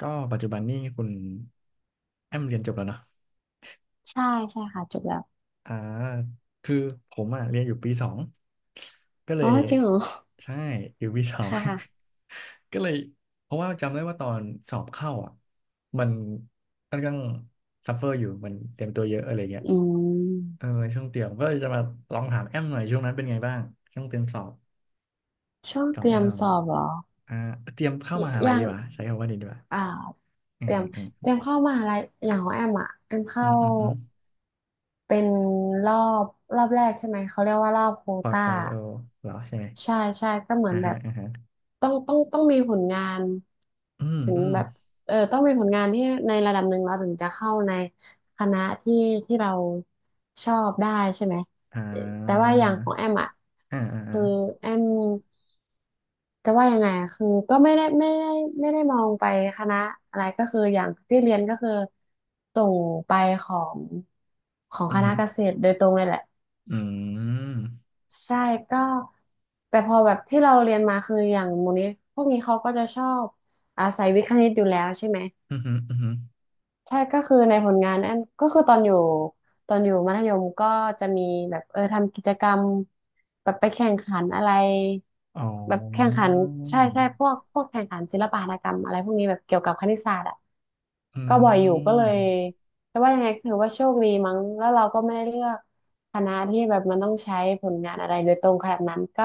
ก็ปัจจุบันนี่คุณแอมเรียนจบแล้วเนาะใช่ใช่ค่ะจบแล้วอ่าคือผมอ่ะเรียนอยู่ปีสองก็เลอ๋อยจริงเหรอใช่อยู่ปีสอง ค่ะค่ะ ก็เลยเพราะว่าจำได้ว่าตอนสอบเข้าอ่ะมันค่อนข้างซัฟเฟอร์อยู่มันเตรียมตัวเยอะอะไรเงี้ยอืมเออช่วงเตรียมก็เลยจะมาลองถามแอมหน่อยช่วงนั้นเป็นไงบ้างช่วงเตรียมสอบช่วงขอเตงรีแอยมมสอบเหรออ่าเตรียมเข้ามหาลัยัยงดีกว่าใช้คำว่านี้ดีกว่าอ่าอืเตรีมยมอืมเตรียมเข้ามหาลัยอย่างของแอมอ่ะแอมอืเข้า มอืมอืมเป็นรอบรอบแรกใช่ไหมเขาเรียกว่ารอบโควพอร์ตต้าโฟลิโอเหรอใช่ไหม ใช่ใช่ก็เหมืออ่านแบฮะบอ่าฮะต้องมีผลงานอืมถึงอืมแบบเออต้องมีผลงานที่ในระดับหนึ่งเราถึงจะเข้าในคณะที่ที่เราชอบได้ใช่ไหมอ่เออแต่าว่าอย่างของแอมอ่ะอ่าอ่าอ่าคือแอม จะว่ายังไงอะคือก็ไม่ได้มองไปคณะอะไรก็คืออย่างที่เรียนก็คือส่งไปของของอืคณะมเกษตรโดยตรงเลยแหละอืมใช่ก็แต่พอแบบที่เราเรียนมาคืออย่างมูลนี้พวกนี้เขาก็จะชอบอาศัยวิทย์คณิตอยู่แล้วใช่ไหม อืมอืมอืมใช่ก็คือในผลงานนั่นก็คือตอนอยู่มัธยมก็จะมีแบบเออทำกิจกรรมแบบไปแข่งขันอะไรอ๋อแบบแข่งขันใช่ใช่พวกแข่งขันศิลปหัตถกรรมอะไรพวกนี้แบบเกี่ยวกับคณิตศาสตร์อ่ะอืก็บ่อยอยู่ก็เลยมแต่ว่ายังไงถือว่าโชคดีมั้งแล้วเราก็ไม่ได้เลือกคณะที่แบบมันต้องใช้ผลงานอะไรโดยตรงขนาดนั้นก็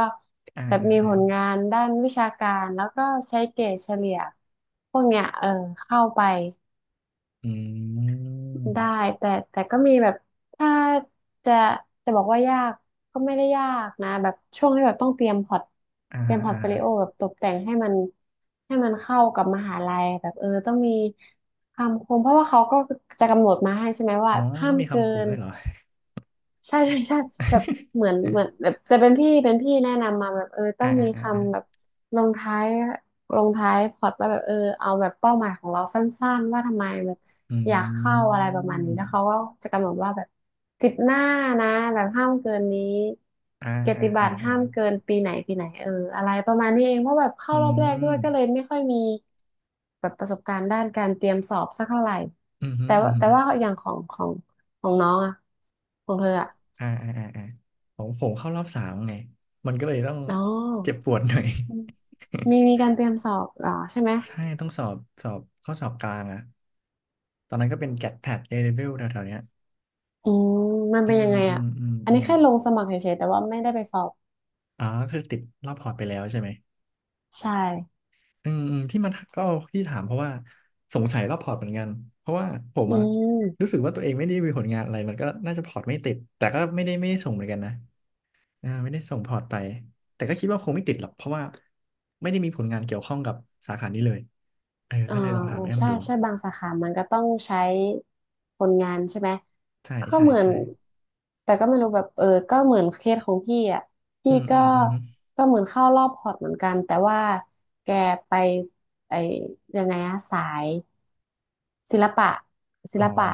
อ่าแบบอ่ามีผลอ่างานด้านวิชาการแล้วก็ใช้เกรดเฉลี่ยพวกเนี้ยเออเข้าไป อืมได้แต่ก็มีแบบถ้าจะจะบอกว่ายากก็ไม่ได้ยากนะแบบช่วงที่แบบต้องเตรียมพอร์ตอ่าเตรีฮะยมพอร์ตอ่าโฟฮะลิโอแบบตกแต่งให้มันให้มันเข้ากับมหาลัยแบบเออต้องมีคำคมเพราะว่าเขาก็จะกำหนดมาให้ใช่ไหมว่าอ๋อห้าต้องมมีเกิคำคมน ด้วยเหรอ ใช่ใช่ใช่แบบเหมือน เหมือนแบบแต่เป็นพี่เป็นพี่แนะนำมาแบบเออต้อ่าองอ่ามีอ่าอ่าคำแบบลงท้ายลงท้ายพอรอตว่าแบบเออเอาแบบเป้าหมายของเราสั้นๆว่าทำไมแบบอือยากเข้าอะมไรประมาณนี้แล้วเขาก็จะกำหนดว่าแบบสิบหน้านะแบบห้ามเกินนี้อ่าเกียรอ่าติบัอ่าตรอ่าห้ามเกินปีไหนปีไหนเอออะไรประมาณนี้เองเพราะแบบเข้าอืรอบแรกด้วยก็เลยมไม่ค่อยมีแบบประสบการณ์ด้านการเตรียมสอบสักเท่าไหร่อืมฮึแต่อืว่ามฮึแต่ว่าอย่างของน้องอะของเธออะ อ่าอ่าอ่าอ่าผมเข้ารอบ 3ไงมันก็เลยต้องอ๋อเจ็บปวดหน่อย มีการเตรียมสอบเหรอใช่ไหมใช่ต้องสอบสอบข้อสอบกลางอะตอนนั้นก็เป็นแกดแพดเอเ v e วแถวๆเนี้ยอืมมันอืเป็นยังมไงอือ่ะมอืมอันอืนี้มแค่ลงสมัครเฉยๆแต่ว่าไม่ได้ไปสอบอ๋อคือติดรอบพอร์ตไปแล้วใช่ไหมใช่อืมอืมที่มันก็ที่ถามเพราะว่าสงสัยรอบพอร์ตเหมือนกัน เพราะว่าผมอือะรู้มสึกว่าตัวเองไม่ได้มีผลงานอะไรมันก็น่าจะพอร์ตไม่ติดแต่ก็ไม่ได้ส่งเหมือนกันนะอ่าไม่ได้ส่งพอร์ตไปแต่ก็คิดว่าคงไม่ติดหรอกเพราะว่าไม่ได้มีผลงานเกี่ยวข้องกับสาขานี้เลยเอออ่าก็เลยลองถาเอมอแอมใช่ดูใช่บางสาขามันก็ต้องใช้คนงานใช่ไหมใช่ก็ใช่เหมือนใช่แต่ก็ไม่รู้แบบเออก็เหมือนเคสของพี่อ่ะอืพี่มอืก็มอืมอมก็เหมือนเข้ารอบพอร์ตเหมือนกันแต่ว่าแกไปไอยังไงอะสาย ศิลปะศิอ๋อ ลปะ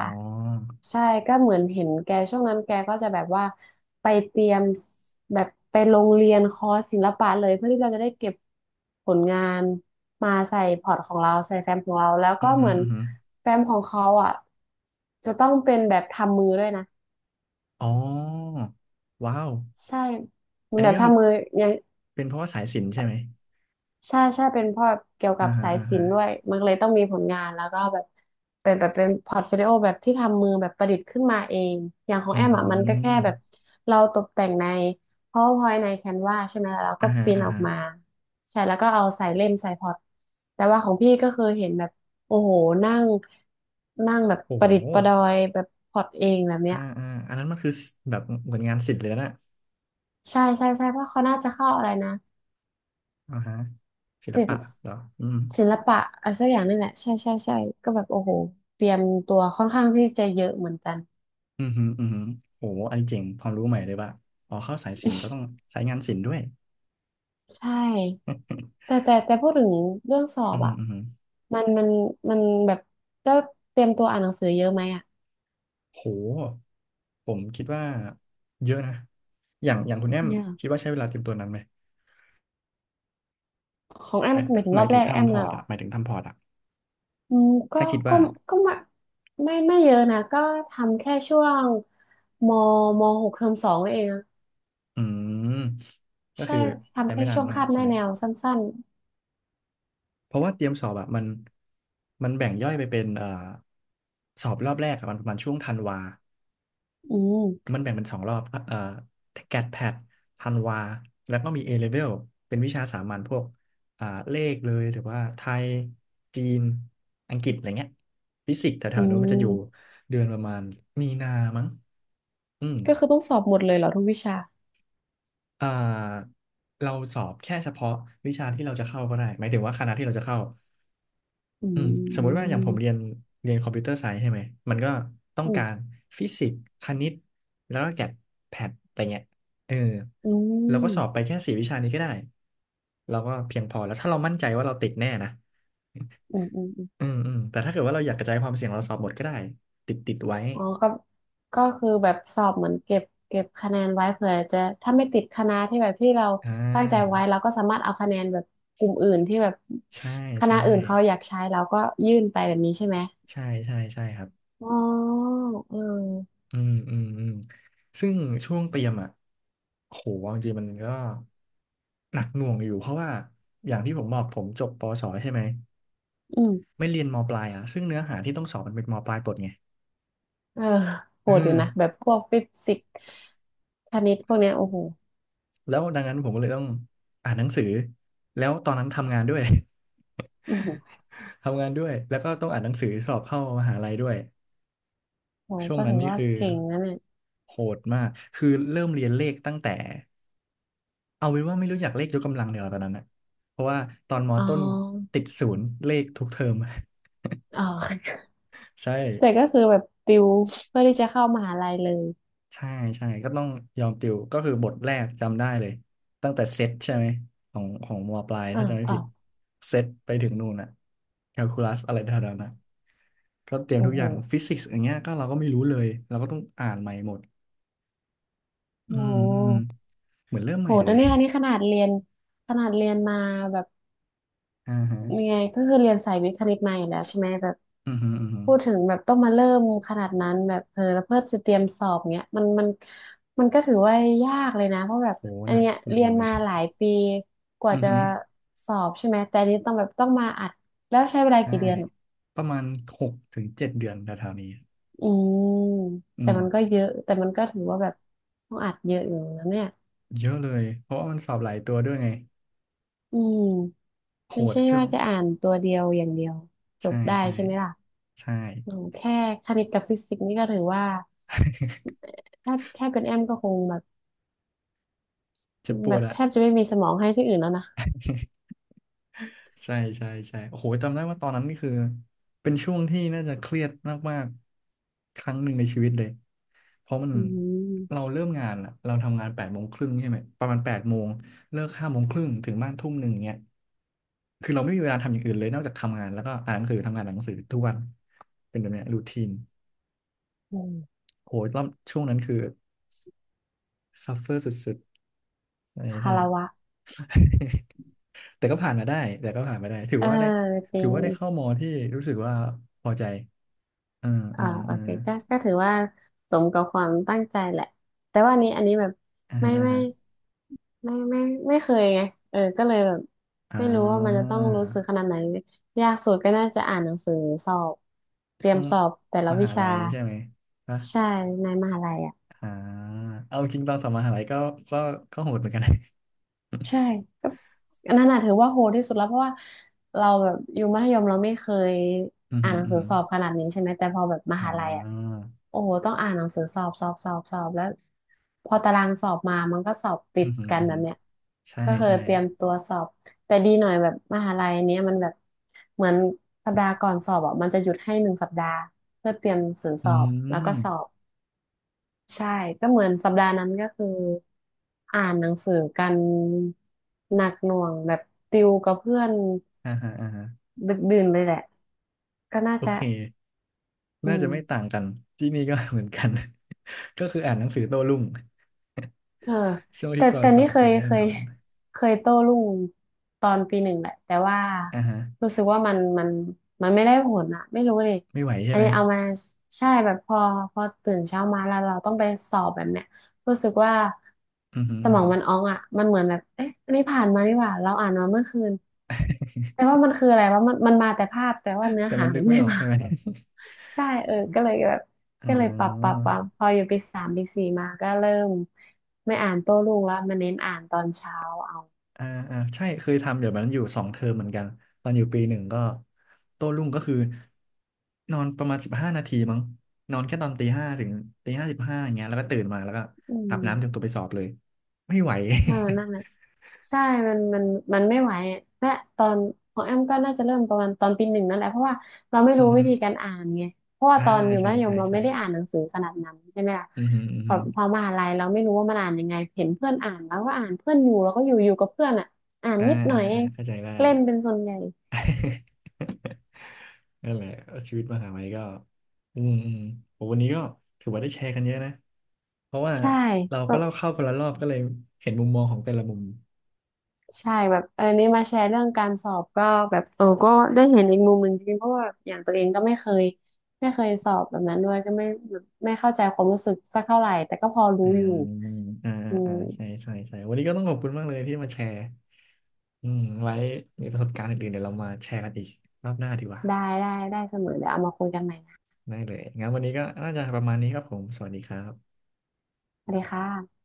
ใช่ก็เหมือนเห็นแกช่วงนั้นแกก็จะแบบว่าไปเตรียมแบบไปโรงเรียนคอร์สศิลปะเลยเพื่อที่เราจะได้เก็บผลงานมาใส่พอร์ตของเราใส่แฟ้มของเราแล้วอืก็อเหหืมืออนอือหือแฟ้มของเขาอ่ะจะต้องเป็นแบบทำมือด้วยนะอ๋อว้าวใช่มัอันนแบนี้บก็คือทำมืออยัง เป็นเพราะว่าสายสิญจน์ใช่ไหมใช่ใช่เป็นเพ่อเกี่ยวอ่ากับฮะสายอ่าศิฮะลป์ด้วยมันก็เลยต้องมีผลงานแล้วก็แบบเป็นแบบเป็นพอร์ตโฟลิโอแบบที่ทำมือแบบประดิษฐ์ขึ้นมาเองอย่างของอืแอมอ่ะมันก็แค่มแบบเราตกแต่งใน PowerPoint ใน Canva ใช่ไหมแล้วเราอ่าก็ฮะปริ้นอ่าออกฮะมาใช่แล้วก็เอาใส่เล่มใส่พอร์ตแต่ว่าของพี่ก็คือเห็นแบบโอ้โหนั่งนั่งแบบโอ้ปโหระดิษฐ์ประดอยแบบพอร์ตเองแบบเนี้อ่ายอ่าอันนั้นมันคือแบบเหมือนงานศิลป์เลยนะใช่ใช่ใช่เพราะเขาน่าจะเข้าอะไรนะ อ่าฮะศิลศิลปะป์เหรออืมศิลปะอะไรสักอย่างนี่แหละใช่ใช่ใช่ก็แบบโอ้โหเตรียมตัวค่อนข้างที่จะเยอะเหมือนกันอือหืออือหือโอ้โหอันนี้เจ๋งความรู้ใหม่เลยว่ะอ๋อเข้าสายศิลป์ก็ต้องสายงานศิลป์ด้วยใช่แต่พูดถึงเรื่องสออืบอหือะออือหือมันมันมันแบบก็เตรียมตัวอ่านหนังสือเยอะไหมอะโหผมคิดว่าเยอะนะ อย่างคุณแอมเนี่ยคิดว่าใช้เวลาเตรียมตัวนั้นไหมของแอหมมายหมายถึงหรมาอยบถึแรงกแอมทำพอนะร์ตเหรออะหมายถึงทำพอร์ตอะ อืมถ้าคิดก็ว่า ก็ไม่เยอะนะก็ทำแค่ช่วงมมหกเทอมสองนั่นเองอะอืม ก็ใช่คือใช้ทำแค่ไม่นานช่วงมากคาบหใช่น้าไหม แนวสั้นเพราะว่าเตรียมสอบอะมันแบ่งย่อยไปเป็นสอบรอบแรกอะมันประมาณช่วงธันวา ๆอืมมันแบ่งเป็น2 รอบแกดแพดธันวา แล้วก็มี A level เป็นวิชาสามัญพวกอ่าเลขเลยหรือว่าไทย จีน อังกฤษอะไรเงี้ยฟิสิกส์แถอืวๆนู้นมันจะอยู่ม เดือนประมาณมีนามั้งอืม ก็คือต้องสอบหมดเลยเหรอทุกวิชาเอ่อเราสอบแค่เฉพาะวิชาที่เราจะเข้าก็ได้หมายถึงว่าคณะที่เราจะเข้าอืมอืสมมุติว่าอย่างผมเรียมนเรียนคอมพิวเตอร์ไซส์ใช่ไหมมันก็ต้องอืกามรฟิสิกส์คณิตแล้วก็แกดแพดอะไรเงี้ยเอออืเราก็มสอบไปแค่4 วิชานี้ก็ได้เราก็เพียงพอแล้วถ้าเรามั่นใจว่าเราติดแน่นะอืมอืมอมอืมอืมแต่ถ้าเกิดว่าเราอยากกระจายความเสี่ยงเราสอบหมดก็ได้ติดติดไว้อ๋อก็คือแบบสอบเหมือนเก็บคะแนนไว้เผื่อจะถ้าไม่ติดคณะที่แบบที่เราอ่ตั้งใจาไว้เราก็สามารถเอาคะแนนแบบกลุ่มอื่นที่แบบใช่คณะใช่อื่นเขาอยากใช้เราก็ยื่นไปแบบนี้ใช่ไหมใช่ใช่ใช่ครับ อ๋อเอออืมอืมอืมซึ่งช่วงเตรียมอ่ะโหเอาจริงๆมันก็หนักหน่วงอยู่เพราะว่าอย่างที่ผมบอกผมจบปอสอใช่ไหมอืมไม่เรียนมปลายอ่ะซึ่งเนื้อหาที่ต้องสอบมันเป็นมปลายปลดไงเออโหเออดอยู่นะแบบพวกฟิสิกส์คณิตพวกเนี้ยโอ้โหแล้วดังนั้นผมก็เลยต้องอ่านหนังสือแล้วตอนนั้นทำงานด้วย อือหือ ทำงานด้วยแล้วก็ต้องอ่านหนังสือสอบเข้ามหาลัยด้วยโหช่วงก็นั้ถืนอนี่ว่าคือเก่งนะเนี่ยโหดมากคือเริ่มเรียนเลขตั้งแต่ เอาเป็นว่าไม่รู้จักเลขยกกำลังเดียวาตอนนั้นนะเพราะว่าตอนมออ๋อต้นติดศูนย์เลขทุกเทอม อ๋อ ใช่แต่ก็คือแบบติวเพื่อที่จะเข้ามหาลัยเลยใช่ใช่ก็ต้องยอมติวก็คือบทแรกจำได้เลยตั้งแต่เซตใช่ไหมของมอปลายอ้าถ้าวจำไม่อ้าผิดวเซตไปถึงนู่นอะแคลคูลัสอะไรเท่านั้นนะก็เตรียมโอ้ทุกอโหย่างฟิสิกส์อย่างเงี้ยก็เราก็ไม่รู้เลยเราก็ต้องอ่านใหม่หมดอืโอ้มโหอืมเหมือนเริ่มใหโหม่ดเลย นะเนี่ยอันนี้ขนาดเรียนมาแบบ อ่าฮะยังไงก็คือเรียนสายวิทย์คณิตมาอยู่แล้วใช่ไหมแบบอือฮึอือฮึพูดถึงแบบต้องมาเริ่มขนาดนั้นแบบเออแล้วเพื่อจะเตรียมสอบเนี้ยมันมันก็ถือว่ายากเลยนะเพราะแบบโหอัหนนักเนี้ยหนักเรียหนน่อยมาหลายปีกว่าอือจะฮึ สอบใช่ไหมแต่อันนี้ต้องแบบต้องมาอัดแล้วใช้เวลาใช่กี่เดือน ประมาณ6 ถึง 7 เดือนแถวๆนี้อืมอืแต่มมันก็เยอะแต่มันก็ถือว่าแบบต้องอัดเยอะอยู่นะเนี่ยเยอะเลยเพราะว่ามันสอบหลายตัวด้วยไงอืมโหไม่ดใช่ช่วว่างจะอ่านตัวเดียวอย่างเดียวจใช่บได้ใช่ใช่ไหมล่ะใช่ โอ้แค่คณิตกับฟิสิกส์นี่ก็ถือว่า แทบเป็นแอมก็คงแบบเจ็บปแบวดบอะแทบจะไม่มีสมองให้ที่อื่นแล้วนะใช่ใช่ใช่โอ้โหจำได้ว่าตอนนั้นนี่คือเป็นช่วงที่น่าจะเครียดมากๆครั้งหนึ่งในชีวิตเลยเพราะมันอืเรามเริ่มงานอะเราทำงาน8 โมงครึ่งใช่ไหมประมาณแปดโมงเลิก5 โมงครึ่งถึงบ้าน1 ทุ่มเงี้ย คือเราไม่มีเวลาทำอย่างอื่นเลยนอกจากทำงานแล้วก็อ่านหนังสือทำงานอ่านหนังสือทุกวันเป็นแบบเนี้ยรูทีนอืมโหรอบช่วงนั้นคือซัฟเฟอร์สุดๆใช่คาใช่รวะแต่ก็ผ่านมาได้แต่ก็ผ่านมาได้ถือเออว่าได้จริถืองว่าได้เข้ามอที่รู้สึกว่าพอใจเออเอเอ่าอโอเออเคก็ก็ถือว่าสมกับความตั้งใจแหละแต่ว่าอันนี้อันนี้แบบอ่าไม่ฮะอ่าไม่ ฮะไม่ไม่เคยไงเออก็เลยแบบอ่ไม่รู้ว่ามันจะต้องรู้สึกขนาาดไหนยากสุดก็น่าจะอ่านหนังสือสอบเตรียช่มวงสอบแต่ละมวิหาชาลัยใช่ไหมปะใช่ในมหาลัยอ่ะอ่าเอาจริงตอนสอบมหาลัยก็ก็ก็โหดเหมือนกัน ใช่ อันนั้นน่ะถือว่าโหดที่สุดแล้วเพราะว่าเราแบบอยู่มัธยมเราไม่เคยอือ อ่าหืนหอนังอือสือหือสอบขนาดนี้ใช่ไหมแต่พอแบบมอ่หาลัยอ่ะาโอ้โหต้องอ่านหนังสือสอบสอบสอบสอบแล้วพอตารางสอบมามันก็สอบติอืดอหือกันอือแบหืบอเนี้ยใช่ก็คือใช่ เตรียมตัวสอบแต่ดีหน่อยแบบมหาลัยเนี้ยมันแบบเหมือนสัปดาห์ก่อนสอบอ่ะมันจะหยุดให้หนึ่งสัปดาห์เพื่อเตรียมหนังสือสอือบแล้วก็มสอบ ใช่ก็เหมือนสัปดาห์นั้นก็คืออ่านหนังสือกันหนักหน่วงแบบติวกับเพื่อนอ่าฮะอ่าฮะดึกดื่นเลยแหละก็น่าโอจะเคอืน่าจะมไม่ต่างกันที่นี่ก็ เหมือนกัน ก็คืออ่านหนังสือโต้รุ่งเออช่วงแต่ที่ก่อนแต่สอนี่บเคคือยไม่ได้เคนยอนเคยโต้รุ่งตอนปีหนึ่งแหละแต่ว่าอ่าฮะรู้สึกว่ามันมันไม่ได้ผลอะไม่รู้เลยไม่ไหวใช่อันไหมนี้เอามาใช่แบบพอตื่นเช้ามาแล้วเราต้องไปสอบแบบเนี้ยรู้สึกว่าอือฮึสอือมอฮึงมันอ้องอ่ะมันเหมือนแบบเอ๊ะอันนี้ผ่านมานี่หว่าเราอ่านมาเมื่อคืน แต่ว่ามันคืออะไรว่ามันมาแต่ภาพแต่ว่าเนื้อแต่หามันนึมักนไม่ไม่ออกมา ใช่ไหม ใช่เออก็เลยแบบ อ๋ก็เลยปรับปรับอปรับพออยู่ปีสามปีสี่มาก็เริ่มไม่อ่านโต้รุ่งแล้วมาเน้นอ่านตอนเช้าเอาอ่าอ่าใช่เคยทำเดี๋ยวมันอยู่2 เทอมเหมือนกันตอนอยู่ปี 1ก็โต้รุ่งก็คือนอนประมาณ15 นาทีมั้งนอนแค่ตอนตีห้าถึงตี 5 15อย่างเงี้ยแล้วก็ตื่นมาแล้วก็อือาบน้ำเตรียมม ตัวไปสอบเลยไม่ไหว เออนั่นน่ะใช่มันมันไม่ไหวอะและตอนของแอมก็น่าจะเริ่มประมาณตอนปีหนึ่งนั่นแหละเพราะว่าเราไม่ อืรู้อฮึ วิธีการอ่านไงเพราะว่าอ่าตอนอยู่ใช่มัธยมใช่เราใช่ไม่ได้อ่านหนังสือขนาดนั้นใช่ไหมล่ะอือหืออือพอหือพอมหาลัยเราไม่รู้ว่ามันอ่านยังไงเห็นเพื่อนอ่านแล้วก็อ่านเพื่อนอยู่แล้วก็อยู่กับเพื่อนอ่ะอ่านอ่านิดหน่อยอ่าเออ่างเข้าใจได้ เล่นเป็นส่วนใหญ่ นั่นแหละชีวิตมหาลัยก็อืมอืมโหวันนี้ก็ถือว่าได้แชร์กันเยอะนะ เพราะว่าใชเราก็่ เล่าเข้าคนละรอบก็เลยเห็นมุมมองของแต่ละมุมใช่แบบเออนี่มาแชร์เรื่องการสอบก็แบบเออก็ได้เห็นอีกมุมหนึ่งจริงๆเพราะว่าอย่างตัวเองก็ไม่เคยไม่เคยสอบแบบนั้นด้วยก็ไม่แบบไม่เข้าใจความรู้สึกสักเท่าไหร่แต่ก็พอรู้อ่าอยู่อ่าอ่าอือ่าใช่มใช่ใช่วันนี้ก็ต้องขอบคุณมากเลยที่มาแชร์อืมไว้มีประสบการณ์อื่นๆเดี๋ยวเรามาแชร์กันอีกรอบหน้าดีกว่าได้ได้ได้เสมอเดี๋ยวเอามาคุยกันใหม่นะได้เลยงั้นวันนี้ก็น่าจะประมาณนี้ครับผมสวัสดีครับสวัสดีค่ะ